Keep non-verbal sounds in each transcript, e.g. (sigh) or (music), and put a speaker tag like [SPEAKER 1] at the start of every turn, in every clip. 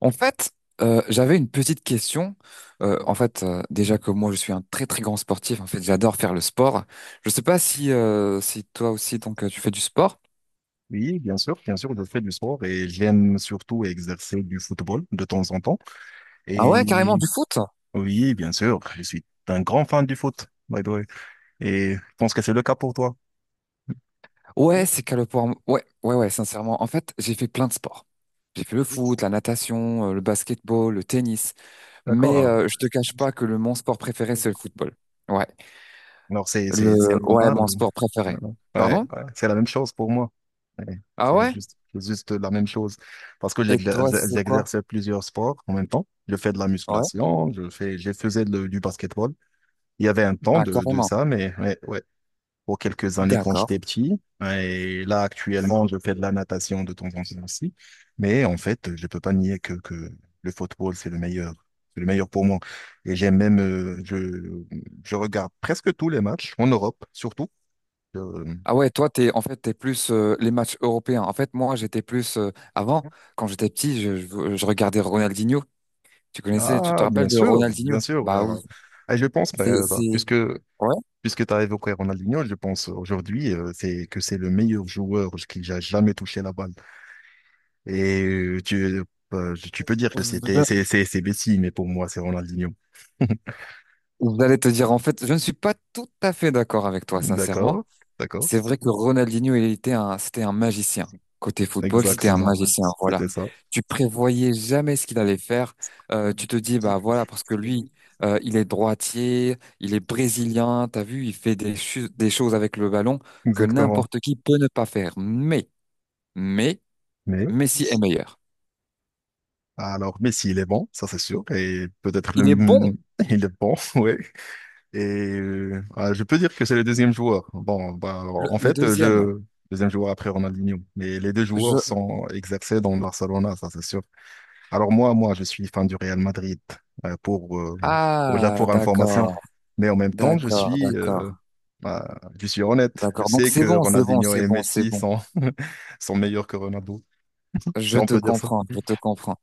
[SPEAKER 1] En fait, j'avais une petite question. En fait, déjà que moi, je suis un très très grand sportif. En fait, j'adore faire le sport. Je sais pas si toi aussi, donc tu fais du sport.
[SPEAKER 2] Oui, bien sûr, je fais du sport et j'aime surtout exercer du football de temps en temps.
[SPEAKER 1] Ah ouais, carrément
[SPEAKER 2] Et
[SPEAKER 1] du foot.
[SPEAKER 2] Ah, oui, bien sûr, je suis un grand fan du foot, by the way. Et je pense que c'est le cas pour toi.
[SPEAKER 1] Ouais, c'est qu'à le pour. Ouais, ouais, ouais. Sincèrement, en fait, j'ai fait plein de sports. J'ai fait le foot, la natation, le basketball, le tennis. Mais
[SPEAKER 2] D'accord.
[SPEAKER 1] je te cache pas que le mon sport préféré, c'est le football. Ouais,
[SPEAKER 2] Alors, c'est,
[SPEAKER 1] le
[SPEAKER 2] c'est, c'est
[SPEAKER 1] ouais,
[SPEAKER 2] normal.
[SPEAKER 1] mon sport
[SPEAKER 2] Euh,
[SPEAKER 1] préféré.
[SPEAKER 2] Ouais,
[SPEAKER 1] Pardon?
[SPEAKER 2] ouais, c'est la même chose pour moi. Ouais,
[SPEAKER 1] Ah
[SPEAKER 2] c'est
[SPEAKER 1] ouais?
[SPEAKER 2] juste, c'est juste la même chose. Parce que
[SPEAKER 1] Et toi, c'est quoi?
[SPEAKER 2] j'exerce plusieurs sports en même temps. Je fais de la
[SPEAKER 1] Ouais.
[SPEAKER 2] musculation, je fais, je faisais le- du basketball. Il y avait un temps
[SPEAKER 1] Ah
[SPEAKER 2] de
[SPEAKER 1] carrément.
[SPEAKER 2] ça, mais ouais, ouais, pour quelques années quand j'étais
[SPEAKER 1] D'accord.
[SPEAKER 2] petit. Et là, actuellement, je fais de la natation de temps en temps aussi. Mais en fait, je peux pas nier que le football, c'est le meilleur. C'est le meilleur pour moi. Et j'aime même, je regarde presque tous les matchs, en Europe surtout. Euh,
[SPEAKER 1] Ah ouais, toi, t'es plus les matchs européens. En fait, moi, j'étais plus, avant, quand j'étais petit, je regardais Ronaldinho. Tu connaissais, tu te
[SPEAKER 2] ah, bien
[SPEAKER 1] rappelles de
[SPEAKER 2] sûr,
[SPEAKER 1] Ronaldinho?
[SPEAKER 2] bien sûr.
[SPEAKER 1] Bah oui,
[SPEAKER 2] Et je pense,
[SPEAKER 1] c'est,
[SPEAKER 2] bah,
[SPEAKER 1] c'est,
[SPEAKER 2] puisque,
[SPEAKER 1] ouais.
[SPEAKER 2] puisque tu as évoqué Ronaldinho, je pense aujourd'hui c'est que c'est le meilleur joueur qui a jamais touché la balle. Et tu peux dire que c'est Messi, mais pour moi, c'est Ronaldinho. (laughs)
[SPEAKER 1] Vous allez te dire, en fait, je ne suis pas tout à fait d'accord avec toi, sincèrement.
[SPEAKER 2] D'accord, d'accord.
[SPEAKER 1] C'est
[SPEAKER 2] Ouais,
[SPEAKER 1] vrai que Ronaldinho, c'était un magicien. Côté football, c'était un
[SPEAKER 2] exactement.
[SPEAKER 1] magicien. Voilà.
[SPEAKER 2] C'était ça.
[SPEAKER 1] Tu prévoyais jamais ce qu'il allait faire. Tu te dis, bah voilà, parce que lui, il est droitier, il est brésilien. T'as vu, il fait des choses avec le ballon que
[SPEAKER 2] Exactement.
[SPEAKER 1] n'importe qui peut ne pas faire. Mais,
[SPEAKER 2] Mais,
[SPEAKER 1] Messi est meilleur.
[SPEAKER 2] alors, Messi, il est bon, ça c'est sûr. Et peut-être
[SPEAKER 1] Il est
[SPEAKER 2] le.
[SPEAKER 1] bon.
[SPEAKER 2] (laughs) Il est bon, (laughs) oui. Et ah, je peux dire que c'est le deuxième joueur. Bon, bah, alors,
[SPEAKER 1] Le,
[SPEAKER 2] en
[SPEAKER 1] le
[SPEAKER 2] fait,
[SPEAKER 1] deuxième,
[SPEAKER 2] deuxième joueur après Ronaldinho. Mais les deux joueurs
[SPEAKER 1] je,
[SPEAKER 2] sont exercés dans le Barcelona, ça c'est sûr. Alors moi, je suis fan du Real Madrid euh, pour, euh,
[SPEAKER 1] ah,
[SPEAKER 2] pour information.
[SPEAKER 1] d'accord,
[SPEAKER 2] Mais en même temps, je
[SPEAKER 1] d'accord,
[SPEAKER 2] suis,
[SPEAKER 1] d'accord,
[SPEAKER 2] euh, bah, je suis honnête. Je
[SPEAKER 1] d'accord. Donc
[SPEAKER 2] sais
[SPEAKER 1] c'est
[SPEAKER 2] que
[SPEAKER 1] bon, c'est bon,
[SPEAKER 2] Ronaldinho
[SPEAKER 1] c'est
[SPEAKER 2] et
[SPEAKER 1] bon, c'est
[SPEAKER 2] Messi
[SPEAKER 1] bon.
[SPEAKER 2] sont, (laughs) sont meilleurs que Ronaldo, si
[SPEAKER 1] Je
[SPEAKER 2] on
[SPEAKER 1] te
[SPEAKER 2] peut dire ça.
[SPEAKER 1] comprends, je te comprends.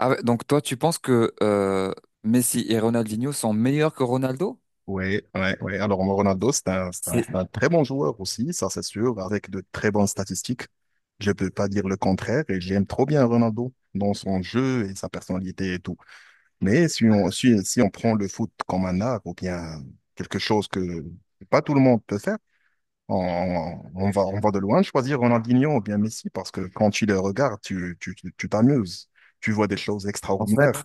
[SPEAKER 1] Ah ouais, donc toi, tu penses que Messi et Ronaldinho sont meilleurs que Ronaldo?
[SPEAKER 2] Oui, ouais, ouais. Alors Ronaldo, c'est un, c'est un-
[SPEAKER 1] C'est
[SPEAKER 2] c'est un très bon joueur aussi, ça c'est sûr, avec de très bonnes statistiques. Je peux pas dire le contraire et j'aime trop bien Ronaldo dans son jeu et sa personnalité et tout. Mais si on prend le foot comme un art ou bien quelque chose que pas tout le monde peut faire, on va de loin choisir Ronaldinho ou bien Messi parce que quand tu les regardes, tu, tu, tu tu t'amuses. Tu vois des choses
[SPEAKER 1] En fait,
[SPEAKER 2] extraordinaires.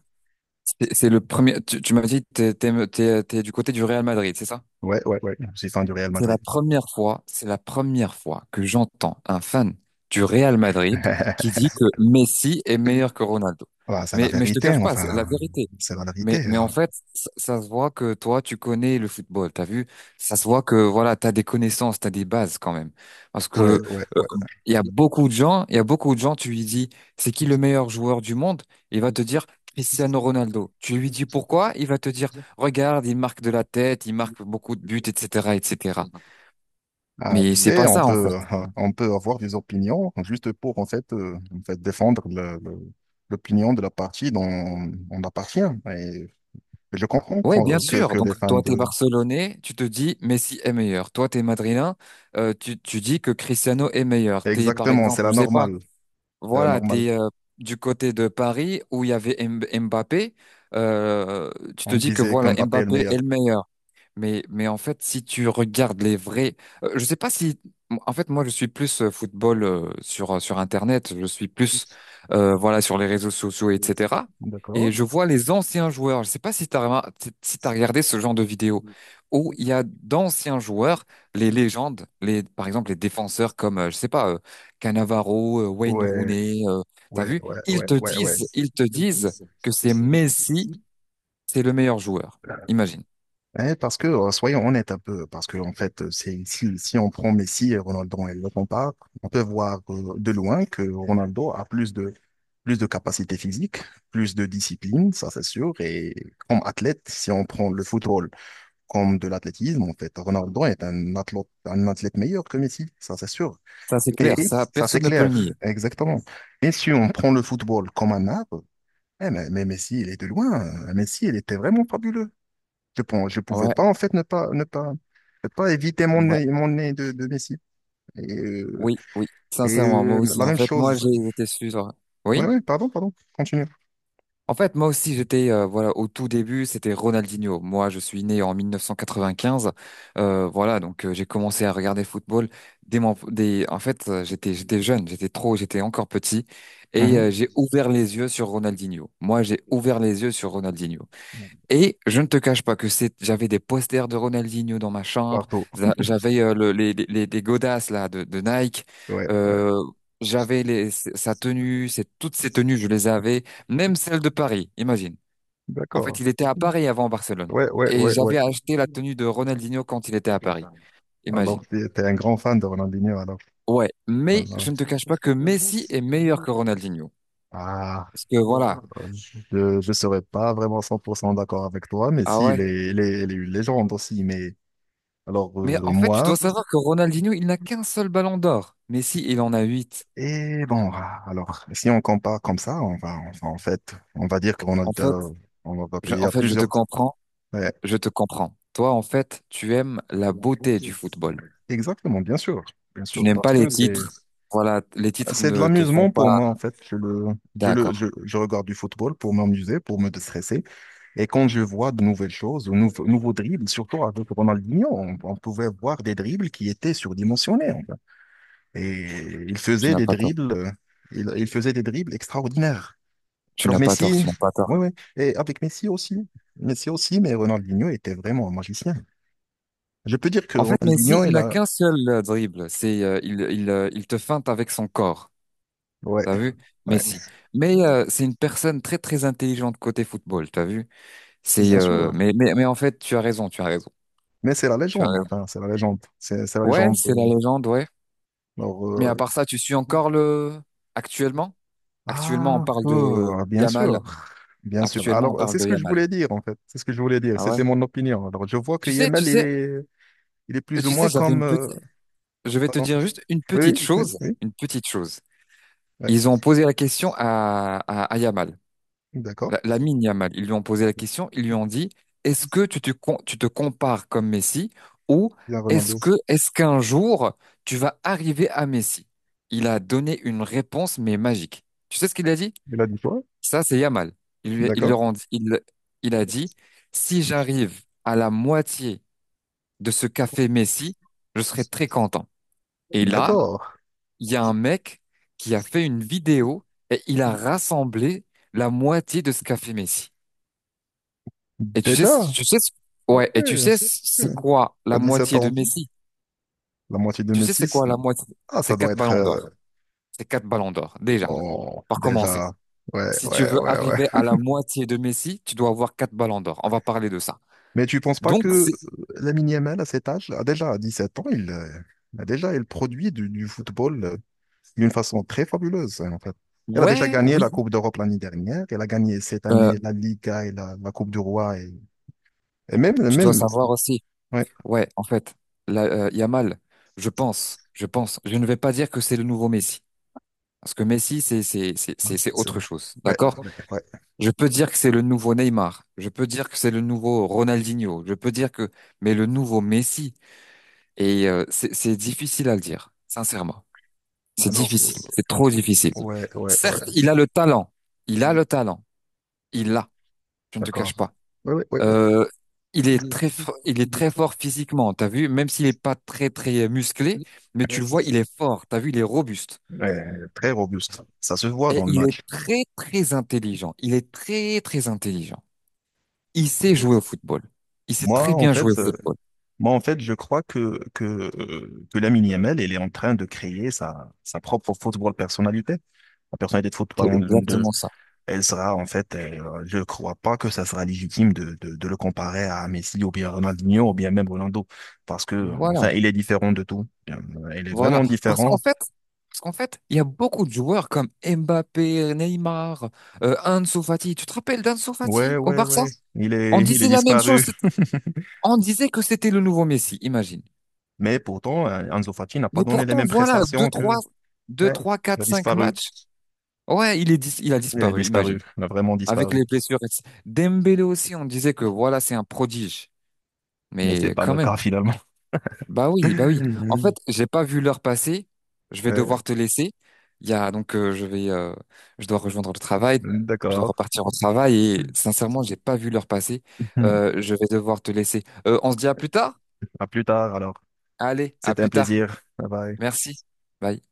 [SPEAKER 1] c'est le premier. Tu m'as dit que t'es du côté du Real Madrid, c'est ça?
[SPEAKER 2] Ouais, ouais, ouais. Je suis fan du Real
[SPEAKER 1] C'est la
[SPEAKER 2] Madrid.
[SPEAKER 1] première fois, c'est la première fois que j'entends un fan du Real Madrid qui
[SPEAKER 2] (laughs)
[SPEAKER 1] dit que Messi est meilleur que Ronaldo.
[SPEAKER 2] Voilà, c'est la
[SPEAKER 1] Mais je te
[SPEAKER 2] vérité,
[SPEAKER 1] cache pas, c'est la
[SPEAKER 2] enfin,
[SPEAKER 1] vérité.
[SPEAKER 2] c'est la
[SPEAKER 1] Mais,
[SPEAKER 2] vérité.
[SPEAKER 1] mais en
[SPEAKER 2] hein.
[SPEAKER 1] fait, ça se voit que toi, tu connais le football, t'as vu? Ça se voit que, voilà, t'as des connaissances, t'as des bases quand même. Parce
[SPEAKER 2] Ouais,
[SPEAKER 1] que,
[SPEAKER 2] ouais,
[SPEAKER 1] euh,
[SPEAKER 2] ouais.
[SPEAKER 1] il y a beaucoup de gens, tu lui dis, c'est qui le meilleur joueur du monde? Il va te dire Cristiano Ronaldo. Tu lui dis pourquoi? Il va te dire, regarde, il marque de la tête, il marque beaucoup de buts, etc., etc.
[SPEAKER 2] Ah, tu
[SPEAKER 1] Mais c'est
[SPEAKER 2] sais,
[SPEAKER 1] pas
[SPEAKER 2] on
[SPEAKER 1] ça, en
[SPEAKER 2] peut,
[SPEAKER 1] fait.
[SPEAKER 2] euh, on peut avoir des opinions juste pour, en fait défendre l'opinion de la partie dont on appartient. Et je comprends
[SPEAKER 1] Ouais, bien
[SPEAKER 2] qu'on- que,
[SPEAKER 1] sûr.
[SPEAKER 2] que
[SPEAKER 1] Donc,
[SPEAKER 2] les fans
[SPEAKER 1] toi, t'es
[SPEAKER 2] de...
[SPEAKER 1] Barcelonais, tu te dis Messi est meilleur. Toi, t'es Madrilène, tu dis que Cristiano est meilleur. T'es, par
[SPEAKER 2] Exactement, c'est
[SPEAKER 1] exemple,
[SPEAKER 2] la
[SPEAKER 1] je sais pas.
[SPEAKER 2] normale. C'est la
[SPEAKER 1] Voilà,
[SPEAKER 2] normale.
[SPEAKER 1] t'es du côté de Paris où il y avait Mbappé. euh, Tu
[SPEAKER 2] On
[SPEAKER 1] te dis que
[SPEAKER 2] disait que
[SPEAKER 1] voilà,
[SPEAKER 2] Mbappé est le
[SPEAKER 1] Mbappé est
[SPEAKER 2] meilleur.
[SPEAKER 1] le meilleur. Mais en fait, si tu regardes les vrais, je sais pas si, en fait, moi, je suis plus football sur Internet, je suis plus voilà sur les réseaux sociaux, etc. Et
[SPEAKER 2] D'accord.
[SPEAKER 1] je vois les anciens joueurs. Je sais pas si t'as regardé ce genre de vidéo où il y a d'anciens joueurs, les légendes, les par exemple les défenseurs comme je sais pas Cannavaro, Wayne
[SPEAKER 2] Ouais,
[SPEAKER 1] Rooney, t'as
[SPEAKER 2] ouais,
[SPEAKER 1] vu?
[SPEAKER 2] ouais, ouais, ouais, ouais.
[SPEAKER 1] Ils te disent que c'est Messi, c'est le meilleur joueur. Imagine.
[SPEAKER 2] Eh, parce que, soyons honnêtes un peu, parce que, en fait, c'est, si, si on prend Messi et Ronaldo et le compare, on peut voir de loin que Ronaldo a plus de capacité physique, plus de discipline, ça c'est sûr, et comme athlète, si on prend le football comme de l'athlétisme, en fait, Ronaldo est un athlète, meilleur que Messi, ça c'est sûr.
[SPEAKER 1] Ça, c'est clair,
[SPEAKER 2] Et
[SPEAKER 1] ça,
[SPEAKER 2] ça, c'est
[SPEAKER 1] personne ne peut le
[SPEAKER 2] clair,
[SPEAKER 1] nier.
[SPEAKER 2] exactement. Et si on prend le football comme un arbre, eh, mais Messi, il est de loin. Messi, il était vraiment fabuleux. Je pouvais
[SPEAKER 1] Ouais,
[SPEAKER 2] pas, en fait, ne pas éviter mon
[SPEAKER 1] ouais,
[SPEAKER 2] nez, mon nez de Messi. Et, euh,
[SPEAKER 1] oui, oui,
[SPEAKER 2] et
[SPEAKER 1] sincèrement, moi
[SPEAKER 2] euh,
[SPEAKER 1] aussi.
[SPEAKER 2] la
[SPEAKER 1] En
[SPEAKER 2] même
[SPEAKER 1] fait, moi,
[SPEAKER 2] chose.
[SPEAKER 1] j'ai été sur...
[SPEAKER 2] Oui,
[SPEAKER 1] Oui?
[SPEAKER 2] oui, pardon, pardon, continue.
[SPEAKER 1] En fait, moi aussi, voilà, au tout début, c'était Ronaldinho. Moi, je suis né en 1995. Voilà, donc j'ai commencé à regarder le football En fait, j'étais jeune, j'étais trop, j'étais encore petit. Et
[SPEAKER 2] Mhm.
[SPEAKER 1] j'ai ouvert les yeux sur Ronaldinho. Moi, j'ai ouvert les yeux sur Ronaldinho. Et je ne te cache pas j'avais des posters de Ronaldinho dans ma chambre,
[SPEAKER 2] Partout.
[SPEAKER 1] j'avais les godasses là de Nike,
[SPEAKER 2] Ouais, ouais.
[SPEAKER 1] euh, toutes ses tenues, je les avais, même celle de Paris, imagine. En fait,
[SPEAKER 2] D'accord.
[SPEAKER 1] il était à Paris avant Barcelone.
[SPEAKER 2] Ouais, ouais,
[SPEAKER 1] Et
[SPEAKER 2] ouais, ouais.
[SPEAKER 1] j'avais acheté la tenue de Ronaldinho quand il était à Paris, imagine.
[SPEAKER 2] Alors, tu es un grand fan de Ronaldinho, alors.
[SPEAKER 1] Ouais,
[SPEAKER 2] Ah,
[SPEAKER 1] mais je ne te cache pas que Messi est meilleur que Ronaldinho.
[SPEAKER 2] ah.
[SPEAKER 1] Parce que voilà,
[SPEAKER 2] Je ne serais pas vraiment 100% d'accord avec toi, mais
[SPEAKER 1] ah
[SPEAKER 2] si,
[SPEAKER 1] ouais.
[SPEAKER 2] il est une légende aussi. Mais alors,
[SPEAKER 1] Mais en fait, tu
[SPEAKER 2] moi,
[SPEAKER 1] dois savoir que Ronaldinho, il n'a qu'un seul ballon d'or. Messi, il en a huit.
[SPEAKER 2] et bon, alors, si on compare comme ça, en fait, on va dire qu'on a,
[SPEAKER 1] En fait,
[SPEAKER 2] on va payer à
[SPEAKER 1] Je te
[SPEAKER 2] plusieurs.
[SPEAKER 1] comprends,
[SPEAKER 2] Ouais,
[SPEAKER 1] je te comprends. Toi, en fait, tu aimes la beauté du football.
[SPEAKER 2] exactement, bien
[SPEAKER 1] Tu
[SPEAKER 2] sûr,
[SPEAKER 1] n'aimes
[SPEAKER 2] parce
[SPEAKER 1] pas les
[SPEAKER 2] que c'est,
[SPEAKER 1] titres. Voilà, les titres
[SPEAKER 2] c'est de
[SPEAKER 1] ne te font
[SPEAKER 2] l'amusement pour
[SPEAKER 1] pas.
[SPEAKER 2] moi, en fait. Je le, je le,
[SPEAKER 1] D'accord,
[SPEAKER 2] je, je regarde du football pour m'amuser, pour me déstresser. Et quand je vois de nouvelles choses, de nouveaux dribbles, surtout avec Ronaldinho, on pouvait voir des dribbles qui étaient surdimensionnés, en fait. Et il
[SPEAKER 1] tu
[SPEAKER 2] faisait
[SPEAKER 1] n'as
[SPEAKER 2] des
[SPEAKER 1] pas tort.
[SPEAKER 2] dribbles, extraordinaires.
[SPEAKER 1] Tu
[SPEAKER 2] Alors
[SPEAKER 1] n'as pas tort,
[SPEAKER 2] Messi,
[SPEAKER 1] tu n'as pas tort.
[SPEAKER 2] oui, oui, et avec Messi aussi. Messi aussi, mais Ronaldinho était vraiment un magicien. Je peux dire que
[SPEAKER 1] En fait, Messi,
[SPEAKER 2] Ronaldinho,
[SPEAKER 1] il
[SPEAKER 2] il
[SPEAKER 1] n'a
[SPEAKER 2] a.
[SPEAKER 1] qu'un seul dribble. Il te feinte avec son corps.
[SPEAKER 2] Ouais,
[SPEAKER 1] T'as vu?
[SPEAKER 2] ouais,
[SPEAKER 1] Messi. Mais c'est une personne très, très intelligente côté football. T'as vu? C'est,
[SPEAKER 2] bien
[SPEAKER 1] euh,
[SPEAKER 2] sûr.
[SPEAKER 1] mais, mais, mais en fait, tu as raison, tu as raison.
[SPEAKER 2] Mais c'est la
[SPEAKER 1] Tu as
[SPEAKER 2] légende,
[SPEAKER 1] raison.
[SPEAKER 2] enfin, c'est la légende. C'est la
[SPEAKER 1] Ouais,
[SPEAKER 2] légende.
[SPEAKER 1] c'est la
[SPEAKER 2] euh,
[SPEAKER 1] légende, ouais.
[SPEAKER 2] Alors,
[SPEAKER 1] Mais à part ça, tu suis encore actuellement? Actuellement, on parle de
[SPEAKER 2] bien
[SPEAKER 1] Yamal.
[SPEAKER 2] sûr. Bien sûr.
[SPEAKER 1] Actuellement, on
[SPEAKER 2] Alors, c'est
[SPEAKER 1] parle
[SPEAKER 2] ce
[SPEAKER 1] de
[SPEAKER 2] que je
[SPEAKER 1] Yamal.
[SPEAKER 2] voulais dire, en fait. C'est ce que je voulais dire.
[SPEAKER 1] Ah ouais.
[SPEAKER 2] C'était mon opinion. Alors, je vois que
[SPEAKER 1] Tu sais, tu
[SPEAKER 2] Yemel, il
[SPEAKER 1] sais,
[SPEAKER 2] est, il est plus ou
[SPEAKER 1] Tu sais,
[SPEAKER 2] moins comme.
[SPEAKER 1] je vais te dire juste une
[SPEAKER 2] Oui,
[SPEAKER 1] petite
[SPEAKER 2] oui.
[SPEAKER 1] chose, une petite chose.
[SPEAKER 2] Ouais.
[SPEAKER 1] Ils ont posé la question à Yamal,
[SPEAKER 2] D'accord.
[SPEAKER 1] la mine Yamal. Ils lui ont posé la question, ils lui ont dit, est-ce que tu te compares comme Messi ou
[SPEAKER 2] Bien, Ronaldo.
[SPEAKER 1] est-ce qu'un jour tu vas arriver à Messi? Il a donné une réponse, mais magique. Tu sais ce qu'il a dit?
[SPEAKER 2] Il a dit quoi?
[SPEAKER 1] Ça, c'est Yamal. Il, lui- il, le
[SPEAKER 2] D'accord.
[SPEAKER 1] rend, Il a dit, si j'arrive à la moitié de ce café Messi, je serai très content. Et là,
[SPEAKER 2] D'accord.
[SPEAKER 1] il y a un mec qui a fait une vidéo et il a rassemblé la moitié de ce café Messi. Et
[SPEAKER 2] Déjà. Ok.
[SPEAKER 1] ouais, et tu sais,
[SPEAKER 2] Ok.
[SPEAKER 1] c'est quoi la
[SPEAKER 2] T'as sept
[SPEAKER 1] moitié de
[SPEAKER 2] ans.
[SPEAKER 1] Messi?
[SPEAKER 2] La moitié de
[SPEAKER 1] Tu
[SPEAKER 2] mes
[SPEAKER 1] sais, c'est
[SPEAKER 2] 6.
[SPEAKER 1] quoi la moitié?
[SPEAKER 2] Ah, ça
[SPEAKER 1] C'est
[SPEAKER 2] doit
[SPEAKER 1] quatre
[SPEAKER 2] être.
[SPEAKER 1] ballons d'or. C'est quatre ballons d'or, déjà,
[SPEAKER 2] Bon,
[SPEAKER 1] par commencer.
[SPEAKER 2] déjà. Ouais,
[SPEAKER 1] Si tu
[SPEAKER 2] ouais,
[SPEAKER 1] veux
[SPEAKER 2] ouais,
[SPEAKER 1] arriver à
[SPEAKER 2] ouais.
[SPEAKER 1] la
[SPEAKER 2] (laughs)
[SPEAKER 1] moitié de Messi, tu dois avoir quatre ballons d'or. On va parler de ça.
[SPEAKER 2] Mais tu penses pas
[SPEAKER 1] Donc,
[SPEAKER 2] que
[SPEAKER 1] c'est
[SPEAKER 2] Lamine Yamal, à cet âge, a déjà à 17 ans, il produit du football, d'une façon très fabuleuse, hein, en fait. Elle a déjà
[SPEAKER 1] Ouais,
[SPEAKER 2] gagné la
[SPEAKER 1] oui,
[SPEAKER 2] Coupe d'Europe l'année dernière. Elle a gagné cette
[SPEAKER 1] euh,
[SPEAKER 2] année la Liga et la Coupe du Roi. Et même,
[SPEAKER 1] tu dois
[SPEAKER 2] même,
[SPEAKER 1] savoir aussi.
[SPEAKER 2] ouais,
[SPEAKER 1] Ouais, en fait, là, Yamal, je pense, je ne vais pas dire que c'est le nouveau Messi, parce que Messi, c'est
[SPEAKER 2] c'est-
[SPEAKER 1] autre chose,
[SPEAKER 2] ouais,
[SPEAKER 1] d'accord?
[SPEAKER 2] ouais, ouais.
[SPEAKER 1] Je peux dire que c'est le nouveau Neymar, je peux dire que c'est le nouveau Ronaldinho, je peux dire que, mais le nouveau Messi, et c'est difficile à le dire, sincèrement, c'est
[SPEAKER 2] Alors,
[SPEAKER 1] difficile, c'est trop difficile.
[SPEAKER 2] ouais, ouais, ouais,
[SPEAKER 1] Certes, il a le talent, il a le talent, il l'a, je ne te cache
[SPEAKER 2] d'accord.
[SPEAKER 1] pas.
[SPEAKER 2] Ouais, ouais, ouais, ouais.
[SPEAKER 1] Euh, il est très fort physiquement, t'as vu? Même s'il est pas très, très musclé, mais tu le vois, il est fort, t'as vu? Il est robuste.
[SPEAKER 2] Ouais, très robuste. Ça se voit
[SPEAKER 1] Et
[SPEAKER 2] dans le
[SPEAKER 1] il est
[SPEAKER 2] match.
[SPEAKER 1] très, très intelligent. Il est très, très intelligent. Il sait jouer au football. Il sait
[SPEAKER 2] Moi,
[SPEAKER 1] très
[SPEAKER 2] en
[SPEAKER 1] bien jouer au
[SPEAKER 2] fait, euh,
[SPEAKER 1] football.
[SPEAKER 2] moi, en fait, je crois que Lamine Yamal, elle est en train de créer sa propre football personnalité, la personnalité de
[SPEAKER 1] C'est
[SPEAKER 2] football de.
[SPEAKER 1] exactement ça.
[SPEAKER 2] Elle sera en fait, je ne crois pas que ça sera légitime de le comparer à Messi ou bien Ronaldinho ou bien même Ronaldo, parce que
[SPEAKER 1] Voilà,
[SPEAKER 2] enfin, il est différent de tout. Il est
[SPEAKER 1] voilà.
[SPEAKER 2] vraiment
[SPEAKER 1] Parce qu'en
[SPEAKER 2] différent.
[SPEAKER 1] fait, Parce qu'en fait, il y a beaucoup de joueurs comme Mbappé, Neymar, Ansu Fati. Tu te rappelles d'Ansu
[SPEAKER 2] Ouais,
[SPEAKER 1] Fati au
[SPEAKER 2] ouais,
[SPEAKER 1] Barça?
[SPEAKER 2] ouais. Il
[SPEAKER 1] On
[SPEAKER 2] est, il est
[SPEAKER 1] disait la même chose.
[SPEAKER 2] disparu.
[SPEAKER 1] On disait que c'était le nouveau Messi, imagine.
[SPEAKER 2] Mais pourtant, Ansu Fati n'a
[SPEAKER 1] Mais
[SPEAKER 2] pas donné les
[SPEAKER 1] pourtant,
[SPEAKER 2] mêmes
[SPEAKER 1] voilà,
[SPEAKER 2] prestations que.
[SPEAKER 1] deux
[SPEAKER 2] Ouais,
[SPEAKER 1] 3
[SPEAKER 2] il
[SPEAKER 1] 4
[SPEAKER 2] a
[SPEAKER 1] 5
[SPEAKER 2] disparu.
[SPEAKER 1] matchs. Ouais, il a
[SPEAKER 2] Il a
[SPEAKER 1] disparu, imagine.
[SPEAKER 2] disparu. Il a vraiment
[SPEAKER 1] Avec
[SPEAKER 2] disparu.
[SPEAKER 1] les blessures, etc. Dembélé aussi, on disait que voilà, c'est un prodige.
[SPEAKER 2] Mais c'est
[SPEAKER 1] Mais
[SPEAKER 2] pas
[SPEAKER 1] quand
[SPEAKER 2] le
[SPEAKER 1] même.
[SPEAKER 2] cas finalement.
[SPEAKER 1] Bah oui, bah oui. En fait,
[SPEAKER 2] (laughs)
[SPEAKER 1] j'ai pas vu l'heure passer. Je vais
[SPEAKER 2] Ouais,
[SPEAKER 1] devoir te laisser. Il y a, donc, Je dois rejoindre le travail. Je dois
[SPEAKER 2] d'accord.
[SPEAKER 1] repartir au travail et sincèrement, j'ai pas vu l'heure passer.
[SPEAKER 2] (laughs)
[SPEAKER 1] Je vais devoir te laisser. On se dit à plus tard?
[SPEAKER 2] À plus tard alors.
[SPEAKER 1] Allez, à
[SPEAKER 2] C'était un
[SPEAKER 1] plus tard.
[SPEAKER 2] plaisir. Bye bye.
[SPEAKER 1] Merci. Bye.